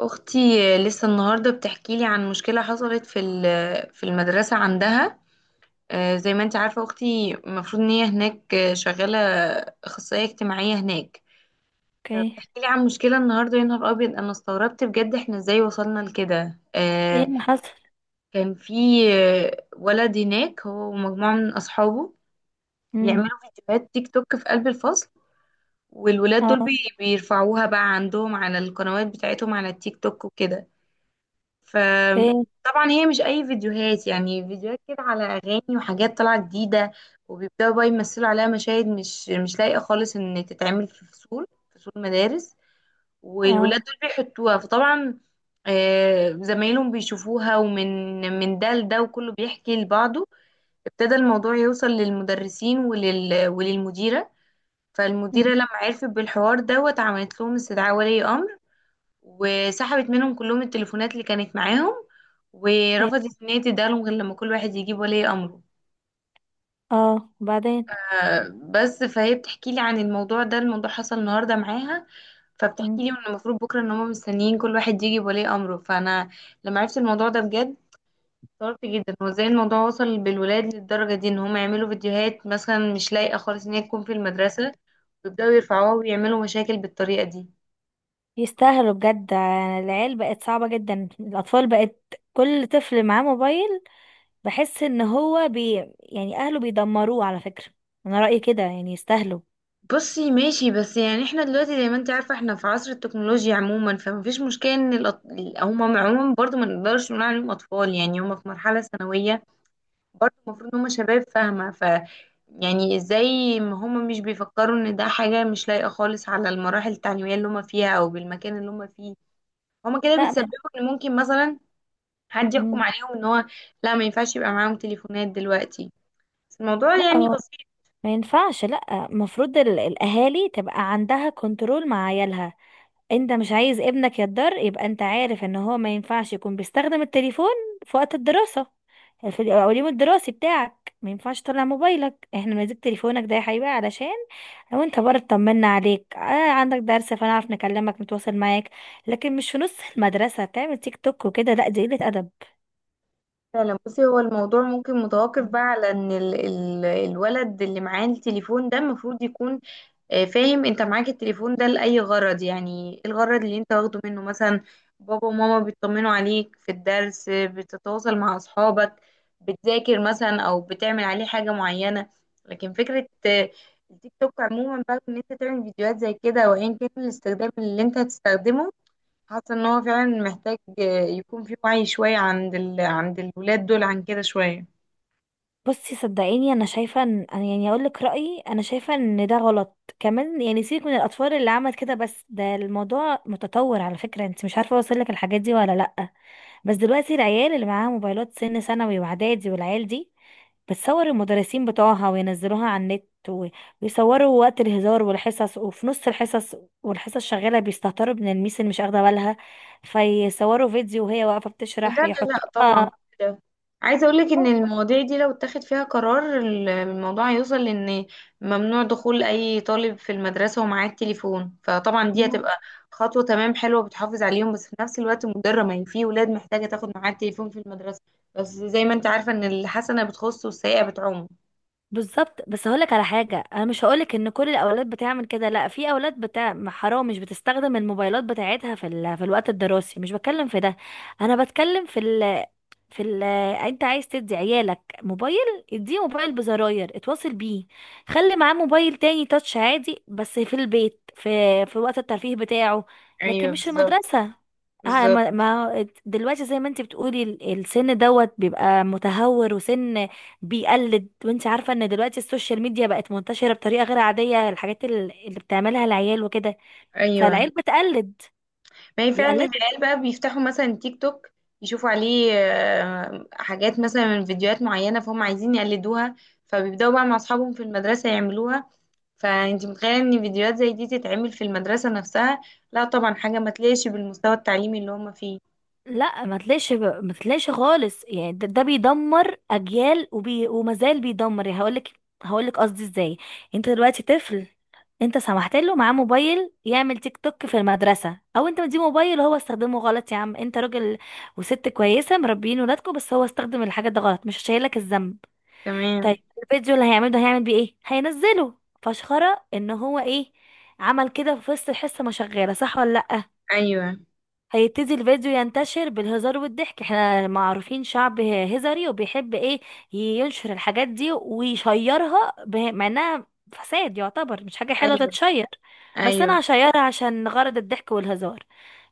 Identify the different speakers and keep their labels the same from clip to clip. Speaker 1: اختي لسه النهارده بتحكي لي عن مشكله حصلت في المدرسه عندها. زي ما انت عارفه اختي المفروض ان هي هناك شغاله اخصائيه اجتماعيه هناك.
Speaker 2: اوكي.
Speaker 1: فبتحكي لي عن مشكله النهارده، يا نهار ابيض، انا استغربت بجد احنا ازاي وصلنا لكده.
Speaker 2: ايه اللي حصل؟
Speaker 1: كان في ولد هناك هو ومجموعه من اصحابه
Speaker 2: امم،
Speaker 1: بيعملوا فيديوهات تيك توك في قلب الفصل، والولاد دول
Speaker 2: اه،
Speaker 1: بيرفعوها بقى عندهم على القنوات بتاعتهم على التيك توك وكده.
Speaker 2: ايه،
Speaker 1: فطبعا هي مش اي فيديوهات، يعني فيديوهات كده على اغاني وحاجات طالعه جديده، وبيبداوا بقى يمثلوا عليها مشاهد مش لايقه خالص ان تتعمل في فصول، فصول مدارس. والولاد
Speaker 2: اه،
Speaker 1: دول بيحطوها، فطبعا زمايلهم بيشوفوها، ومن ده لده وكله بيحكي لبعضه. ابتدى الموضوع يوصل للمدرسين وللمديره.
Speaker 2: مم.
Speaker 1: فالمديره لما عرفت بالحوار دوت عملت لهم استدعاء ولي امر، وسحبت منهم كلهم التليفونات اللي كانت معاهم،
Speaker 2: ايه،
Speaker 1: ورفضت ان هي تديهالهم غير لما كل واحد يجيب ولي امره.
Speaker 2: اه وبعدين.
Speaker 1: بس فهي بتحكي لي عن الموضوع ده، الموضوع حصل النهارده معاها. فبتحكي
Speaker 2: مم.
Speaker 1: لي ان المفروض بكره ان هم مستنيين كل واحد يجي بولي امره. فانا لما عرفت الموضوع ده بجد استغربت جدا هو ازاي الموضوع وصل بالولاد للدرجه دي، ان هم يعملوا فيديوهات مثلا مش لايقه خالص ان هي تكون في المدرسه ويبداوا يرفعوها ويعملوا مشاكل بالطريقه دي.
Speaker 2: يستاهلوا بجد. العيال بقت صعبة جدا، الأطفال بقت كل طفل معاه موبايل. بحس ان هو يعني أهله بيدمروه على فكرة. أنا رأيي كده، يعني يستاهلوا.
Speaker 1: بصي ماشي، بس يعني احنا دلوقتي زي ما انت عارفة احنا في عصر التكنولوجيا عموما، فمفيش مشكلة ان هم عموما برضو ما نقدرش نقول عليهم اطفال، يعني هم في مرحلة ثانوية، برضو المفروض ان هم شباب فاهمة. ف يعني ازاي ما هم مش بيفكروا ان ده حاجة مش لايقة خالص على المراحل التعليمية اللي هم فيها او بالمكان اللي هم فيه. هم كده
Speaker 2: لا م...
Speaker 1: بيتسببوا ان ممكن مثلا حد يحكم
Speaker 2: مم.
Speaker 1: عليهم ان هو لا، ما ينفعش يبقى معاهم تليفونات دلوقتي، بس الموضوع
Speaker 2: لا
Speaker 1: يعني
Speaker 2: هو
Speaker 1: بسيط.
Speaker 2: ما ينفعش. لا المفروض الأهالي تبقى عندها كنترول مع عيالها. انت مش عايز ابنك يتضر، يبقى انت عارف ان هو ما ينفعش يكون بيستخدم التليفون في وقت الدراسة. في اليوم الدراسي بتاعك ما ينفعش تطلع موبايلك، احنا ماسك تليفونك ده يا حبيبي علشان لو انت بره اطمنا عليك، آه عندك درس فنعرف نكلمك نتواصل معاك. لكن مش في نص المدرسة تعمل تيك توك وكده، لا دي قلة أدب.
Speaker 1: فعلا بصي، هو الموضوع ممكن متوقف بقى على ان ال الولد اللي معاه التليفون ده المفروض يكون فاهم انت معاك التليفون ده لأي غرض، يعني إيه الغرض اللي انت واخده منه. مثلا بابا وماما بيطمنوا عليك في الدرس، بتتواصل مع اصحابك، بتذاكر مثلا او بتعمل عليه حاجة معينة. لكن فكرة التيك توك عموما بقى، ان انت تعمل فيديوهات زي كده وايا كان الاستخدام اللي انت هتستخدمه، حاسه ان هو فعلا محتاج يكون في وعي شويه عند الولاد دول عن كده شويه.
Speaker 2: بصي صدقيني انا شايفه ان أنا يعني اقول لك رايي، انا شايفه ان ده غلط كمان، يعني سيبك من الاطفال اللي عملت كده، بس ده الموضوع متطور على فكره، انت مش عارفه اوصل لك الحاجات دي ولا لا. بس دلوقتي العيال اللي معاها موبايلات سن ثانوي واعدادي، والعيال دي بتصور المدرسين بتوعها وينزلوها على النت و- ويصوروا وقت الهزار والحصص، وفي نص الحصص والحصص شغالة بيستهتروا من الميس اللي مش واخدة بالها، فيصوروا فيديو وهي واقفة
Speaker 1: لا لا
Speaker 2: بتشرح.
Speaker 1: لا طبعا كل ده. عايزه اقول لك ان
Speaker 2: يحطوها.
Speaker 1: المواضيع دي لو اتخذ فيها قرار الموضوع هيوصل لان ممنوع دخول اي طالب في المدرسه ومعاه التليفون. فطبعا دي هتبقى خطوه تمام حلوه بتحافظ عليهم، بس في نفس الوقت مضره، ما هي في ولاد محتاجه تاخد معاها التليفون في المدرسه. بس زي ما انت عارفه ان الحسنه بتخص والسيئه بتعم.
Speaker 2: بالظبط. بس هقولك على حاجة، انا مش هقولك ان كل الاولاد بتعمل كده، لا في اولاد بتاع حرام مش بتستخدم الموبايلات بتاعتها في في الوقت الدراسي، مش بتكلم في ده، انا بتكلم في ال... في ال... انت عايز تدي عيالك موبايل، اديه موبايل بزراير اتواصل بيه، خلي معاه موبايل تاني تاتش عادي بس في البيت في وقت الترفيه بتاعه. لكن
Speaker 1: ايوه
Speaker 2: مش في
Speaker 1: بالظبط.
Speaker 2: المدرسة. آه، ما
Speaker 1: بالظبط.
Speaker 2: ما دلوقتي زي ما انت بتقولي ال- السن دوت بيبقى متهور، وسن بيقلد، وانت عارفة ان دلوقتي السوشيال ميديا بقت منتشرة بطريقة غير عادية، الحاجات ال- اللي بتعملها العيال وكده،
Speaker 1: ايوه،
Speaker 2: فالعيال بتقلد.
Speaker 1: ما هي فعلا
Speaker 2: بيقلدوا.
Speaker 1: العيال بقى بيفتحوا مثلا تيك توك، يشوفوا عليه حاجات مثلا من فيديوهات معينة فهم عايزين يقلدوها، فبيبدأوا بقى مع أصحابهم في المدرسة يعملوها. فأنت متخيلة إن فيديوهات زي دي تتعمل في المدرسة نفسها؟ لا طبعا، حاجة ما تليقش بالمستوى التعليمي اللي هم فيه.
Speaker 2: لا ما تلاقيش، ما تلاقيش خالص، يعني ده بيدمر اجيال، ومازال بيدمر. يعني هقولك، هقولك قصدي ازاي. انت دلوقتي طفل، انت سمحت له معاه موبايل يعمل تيك توك في المدرسة، او انت مديه موبايل وهو استخدمه غلط. يا عم انت راجل وست كويسة مربيين ولادكم، بس هو استخدم الحاجة ده غلط، مش شايلك الذنب. طيب
Speaker 1: تمام.
Speaker 2: الفيديو اللي هيعمله ده هيعمل بيه ايه؟ هينزله فشخرة ان هو ايه، عمل كده في وسط الحصة ما شغالة، صح ولا لأ؟
Speaker 1: أيوه.
Speaker 2: هيبتدي الفيديو ينتشر بالهزار والضحك، احنا ما عارفين شعب هزاري وبيحب ايه، ينشر الحاجات دي ويشيرها به- مع انها فساد يعتبر، مش حاجة حلوة
Speaker 1: أيوه.
Speaker 2: تتشير، بس
Speaker 1: أيوه.
Speaker 2: انا هشيرها عشان غرض الضحك والهزار.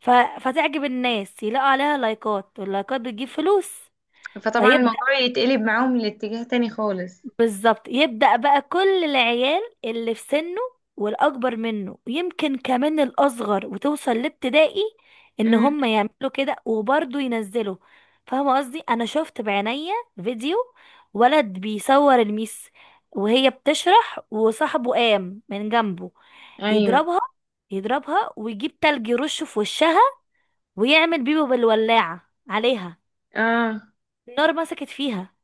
Speaker 2: ف... فتعجب الناس، يلاقوا عليها لايكات، واللايكات بتجيب فلوس.
Speaker 1: فطبعا
Speaker 2: فيبدأ،
Speaker 1: الموضوع يتقلب معاهم لاتجاه تاني خالص.
Speaker 2: بالظبط، يبدأ بقى كل العيال اللي في سنه والأكبر منه، يمكن كمان الأصغر وتوصل لابتدائي، إن
Speaker 1: امم.
Speaker 2: هم يعملوا كده وبرضه ينزلوا. فاهمة قصدي؟ أنا شفت بعينيا فيديو ولد بيصور الميس وهي بتشرح، وصاحبه قام من جنبه
Speaker 1: أيوه.
Speaker 2: يضربها، يضربها ويجيب تلج يرشه في وشها، ويعمل بيبو بالولاعة عليها،
Speaker 1: آه.
Speaker 2: النار مسكت فيها،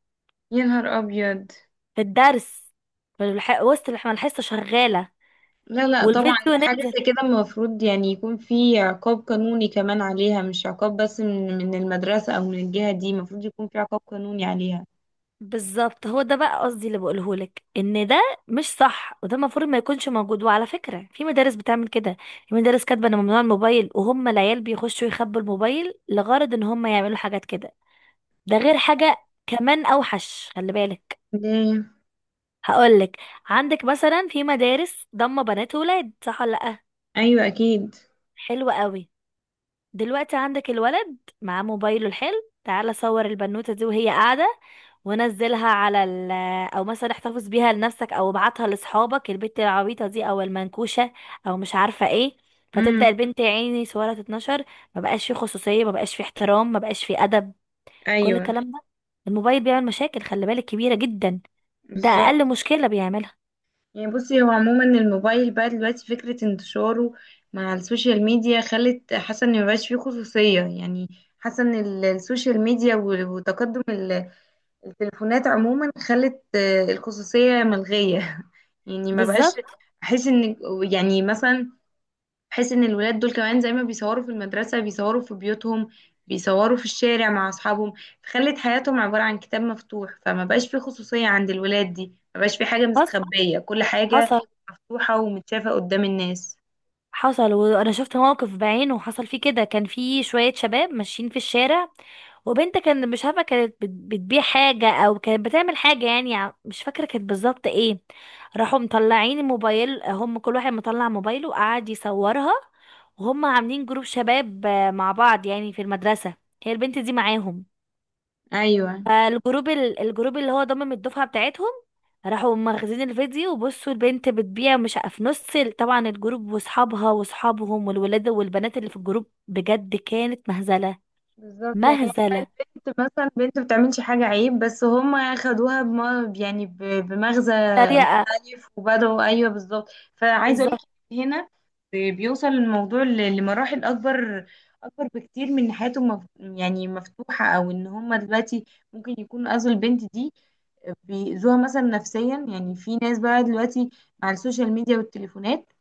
Speaker 1: يا نهار أبيض.
Speaker 2: في الدرس، في الح- وسط الح- ما الحصة شغالة،
Speaker 1: لا لا طبعا،
Speaker 2: والفيديو
Speaker 1: ده حاجة
Speaker 2: نزل.
Speaker 1: زي كده المفروض يعني يكون في عقاب قانوني كمان عليها، مش عقاب بس من المدرسة أو من الجهة دي، المفروض يكون في عقاب قانوني عليها.
Speaker 2: بالظبط، هو ده بقى قصدي اللي بقوله لك، ان ده مش صح، وده المفروض ما يكونش موجود. وعلى فكره في مدارس بتعمل كده، في مدارس كاتبه ان ممنوع الموبايل وهم العيال بيخشوا يخبوا الموبايل لغرض ان هم يعملوا حاجات كده. ده غير حاجه كمان اوحش، خلي بالك.
Speaker 1: ليه؟
Speaker 2: هقول لك. عندك مثلا في مدارس ضم بنات وولاد، صح ولا لا؟
Speaker 1: أيوة أكيد.
Speaker 2: حلو قوي. دلوقتي عندك الولد معاه موبايله الحلو، تعالى صور البنوتة دي وهي قاعدة ونزلها على ال، او مثلا احتفظ بيها لنفسك، او ابعتها لاصحابك البنت العبيطة دي او المنكوشة، او مش عارفة ايه.
Speaker 1: امم.
Speaker 2: فتبدأ البنت يا عيني صورها تتنشر، ما بقاش في خصوصية، ما بقاش في احترام، ما بقاش في ادب، كل
Speaker 1: أيوة.
Speaker 2: الكلام ده. الموبايل بيعمل مشاكل خلي بالك كبيرة جدا، ده
Speaker 1: بالظبط.
Speaker 2: اقل مشكلة بيعملها.
Speaker 1: يعني بصي، هو عموما الموبايل بقى دلوقتي فكرة انتشاره مع السوشيال ميديا خلت حاسة إن مبقاش فيه خصوصية. يعني حاسة إن السوشيال ميديا وتقدم التليفونات عموما خلت الخصوصية ملغية يعني ما بقاش
Speaker 2: بالظبط.
Speaker 1: احس ان، يعني مثلا احس ان الولاد دول كمان زي ما بيصوروا في المدرسة بيصوروا في بيوتهم، بيصوروا في الشارع مع اصحابهم، خلت حياتهم عبارة عن كتاب مفتوح. فما بقاش في خصوصية عند الولاد دي، ما بقاش في حاجة
Speaker 2: حصل
Speaker 1: مستخبية، كل حاجة
Speaker 2: حصل
Speaker 1: مفتوحة ومتشافة قدام الناس.
Speaker 2: حصل، وانا شفت موقف بعينه وحصل فيه كده. كان في شوية شباب ماشيين في الشارع، وبنت كان مش عارفة، كانت بت- بتبيع حاجة او كانت بتعمل حاجة يعني، ع- مش فاكرة كانت بالظبط ايه، راحوا مطلعين الموبايل، هم كل واحد مطلع موبايله وقعد يصورها. وهم عاملين جروب شباب، آه، مع بعض يعني في المدرسة، هي البنت دي معاهم،
Speaker 1: ايوه
Speaker 2: فالجروب ال- الجروب اللي هو ضمم الدفعة بتاعتهم، راحوا مخزين الفيديو، وبصوا البنت بتبيع مش ع- في نص ال- طبعا الجروب واصحابها واصحابهم والولاد والبنات اللي في الجروب، بجد كانت مهزلة.
Speaker 1: بالظبط. يعني هي
Speaker 2: مهزلة.
Speaker 1: البنت مثلا بنت بتعملش حاجة عيب، بس هم خدوها يعني بمغزى
Speaker 2: سريعة.
Speaker 1: مختلف وبدأوا. أيوه بالظبط. فعايزة أقولك
Speaker 2: بالظبط.
Speaker 1: هنا بيوصل الموضوع لمراحل أكبر، أكبر بكتير من إن حياته يعني مفتوحة، أو إن هم دلوقتي ممكن يكونوا أذوا البنت دي، بيأذوها مثلا نفسيا. يعني في ناس بقى دلوقتي مع السوشيال ميديا والتليفونات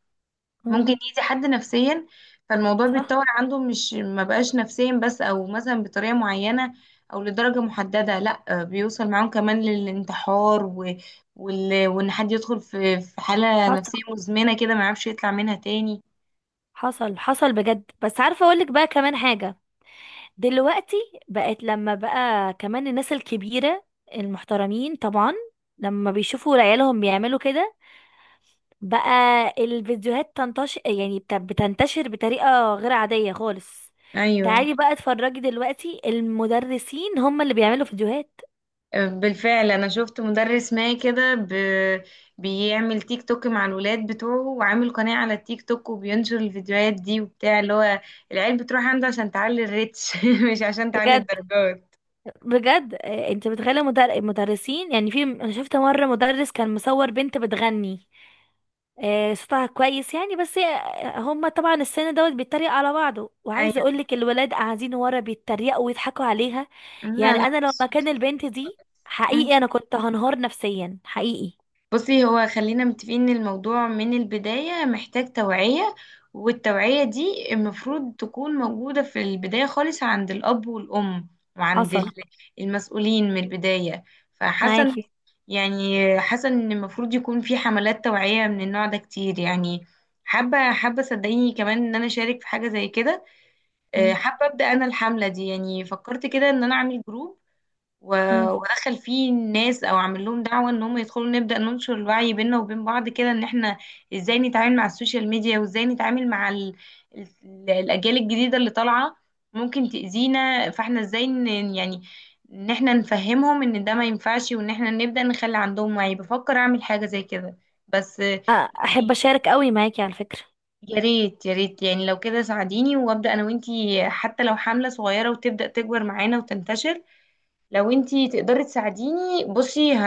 Speaker 2: مم.
Speaker 1: ممكن يأذي حد نفسيا. فالموضوع
Speaker 2: صح.
Speaker 1: بيتطور عنده، مش ما بقاش نفسيا بس او مثلا بطريقة معينة او لدرجة محددة، لا بيوصل معاهم كمان للانتحار وان حد يدخل في حالة
Speaker 2: حصل
Speaker 1: نفسية مزمنة كده ما يعرفش يطلع منها تاني.
Speaker 2: حصل حصل بجد. بس عارفة اقولك بقى كمان حاجة، دلوقتي بقت، لما بقى كمان الناس الكبيرة المحترمين طبعا، لما بيشوفوا عيالهم بيعملوا كده بقى، الفيديوهات تنتشر يعني بت- بتنتشر بطريقة غير عادية خالص.
Speaker 1: ايوه.
Speaker 2: تعالي بقى اتفرجي، دلوقتي المدرسين هم اللي بيعملوا فيديوهات.
Speaker 1: بالفعل انا شفت مدرس ما كده بيعمل تيك توك مع الولاد بتوعه، وعامل قناة على التيك توك، وبينشر الفيديوهات دي وبتاع. اللي هو العيال بتروح عنده عشان تعلي الريتش مش عشان تعلي
Speaker 2: بجد،
Speaker 1: الدرجات.
Speaker 2: بجد. انت متخيلة؟ مدر... المدرسين يعني، في انا شفت مرة مدرس كان مصور بنت بتغني، صوتها كويس يعني، بس هي- هما طبعا السن دوت بيتريق على بعضه، وعايزه اقولك الولاد قاعدين ورا بيتريقوا ويضحكوا عليها.
Speaker 1: لا
Speaker 2: يعني
Speaker 1: لا
Speaker 2: انا لو مكان
Speaker 1: بس-
Speaker 2: البنت دي
Speaker 1: مم.
Speaker 2: حقيقي انا كنت هنهار نفسيا حقيقي.
Speaker 1: بصي، هو خلينا متفقين ان الموضوع من البداية محتاج توعية، والتوعية دي المفروض تكون موجودة في البداية خالص عند الأب والأم، وعند
Speaker 2: حصل.
Speaker 1: ال- المسؤولين من البداية. فحسن
Speaker 2: معاكي.
Speaker 1: يعني، حسن ان المفروض يكون في حملات توعية من النوع ده كتير. يعني حابة صدقيني كمان ان انا اشارك في حاجة زي كده.
Speaker 2: مم.
Speaker 1: حابة ابدأ انا الحملة دي، يعني فكرت كده ان انا اعمل جروب و-
Speaker 2: مم.
Speaker 1: ودخل فيه الناس او عامل لهم دعوه ان هم يدخلوا، نبدا ننشر الوعي بيننا وبين بعض كده، ان احنا ازاي نتعامل مع السوشيال ميديا وازاي نتعامل مع الاجيال الجديده اللي طالعه ممكن تاذينا. فاحنا ازاي يعني، ان احنا نفهمهم ان ده ما ينفعش، وان احنا نبدا نخلي عندهم وعي. بفكر اعمل حاجه زي كده بس.
Speaker 2: أ- احب اشارك قوي معاكي على فكرة.
Speaker 1: يا ريت يا ريت، يعني لو كده ساعديني وابدا انا وانتي، حتى لو حمله صغيره وتبدا تكبر معانا وتنتشر. لو انتي تقدري تساعديني بصي،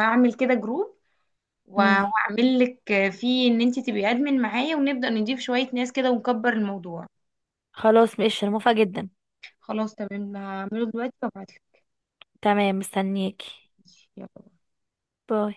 Speaker 1: هعمل كده جروب
Speaker 2: مم.
Speaker 1: وهعمل لك فيه ان انتي تبقي ادمن معايا، ونبدأ نضيف شوية ناس كده ونكبر الموضوع.
Speaker 2: خلاص ماشي، انا موافقة جدا.
Speaker 1: خلاص تمام، هعمله دلوقتي وابعتلك.
Speaker 2: تمام، مستنياكي.
Speaker 1: ماشي، يلا.
Speaker 2: باي.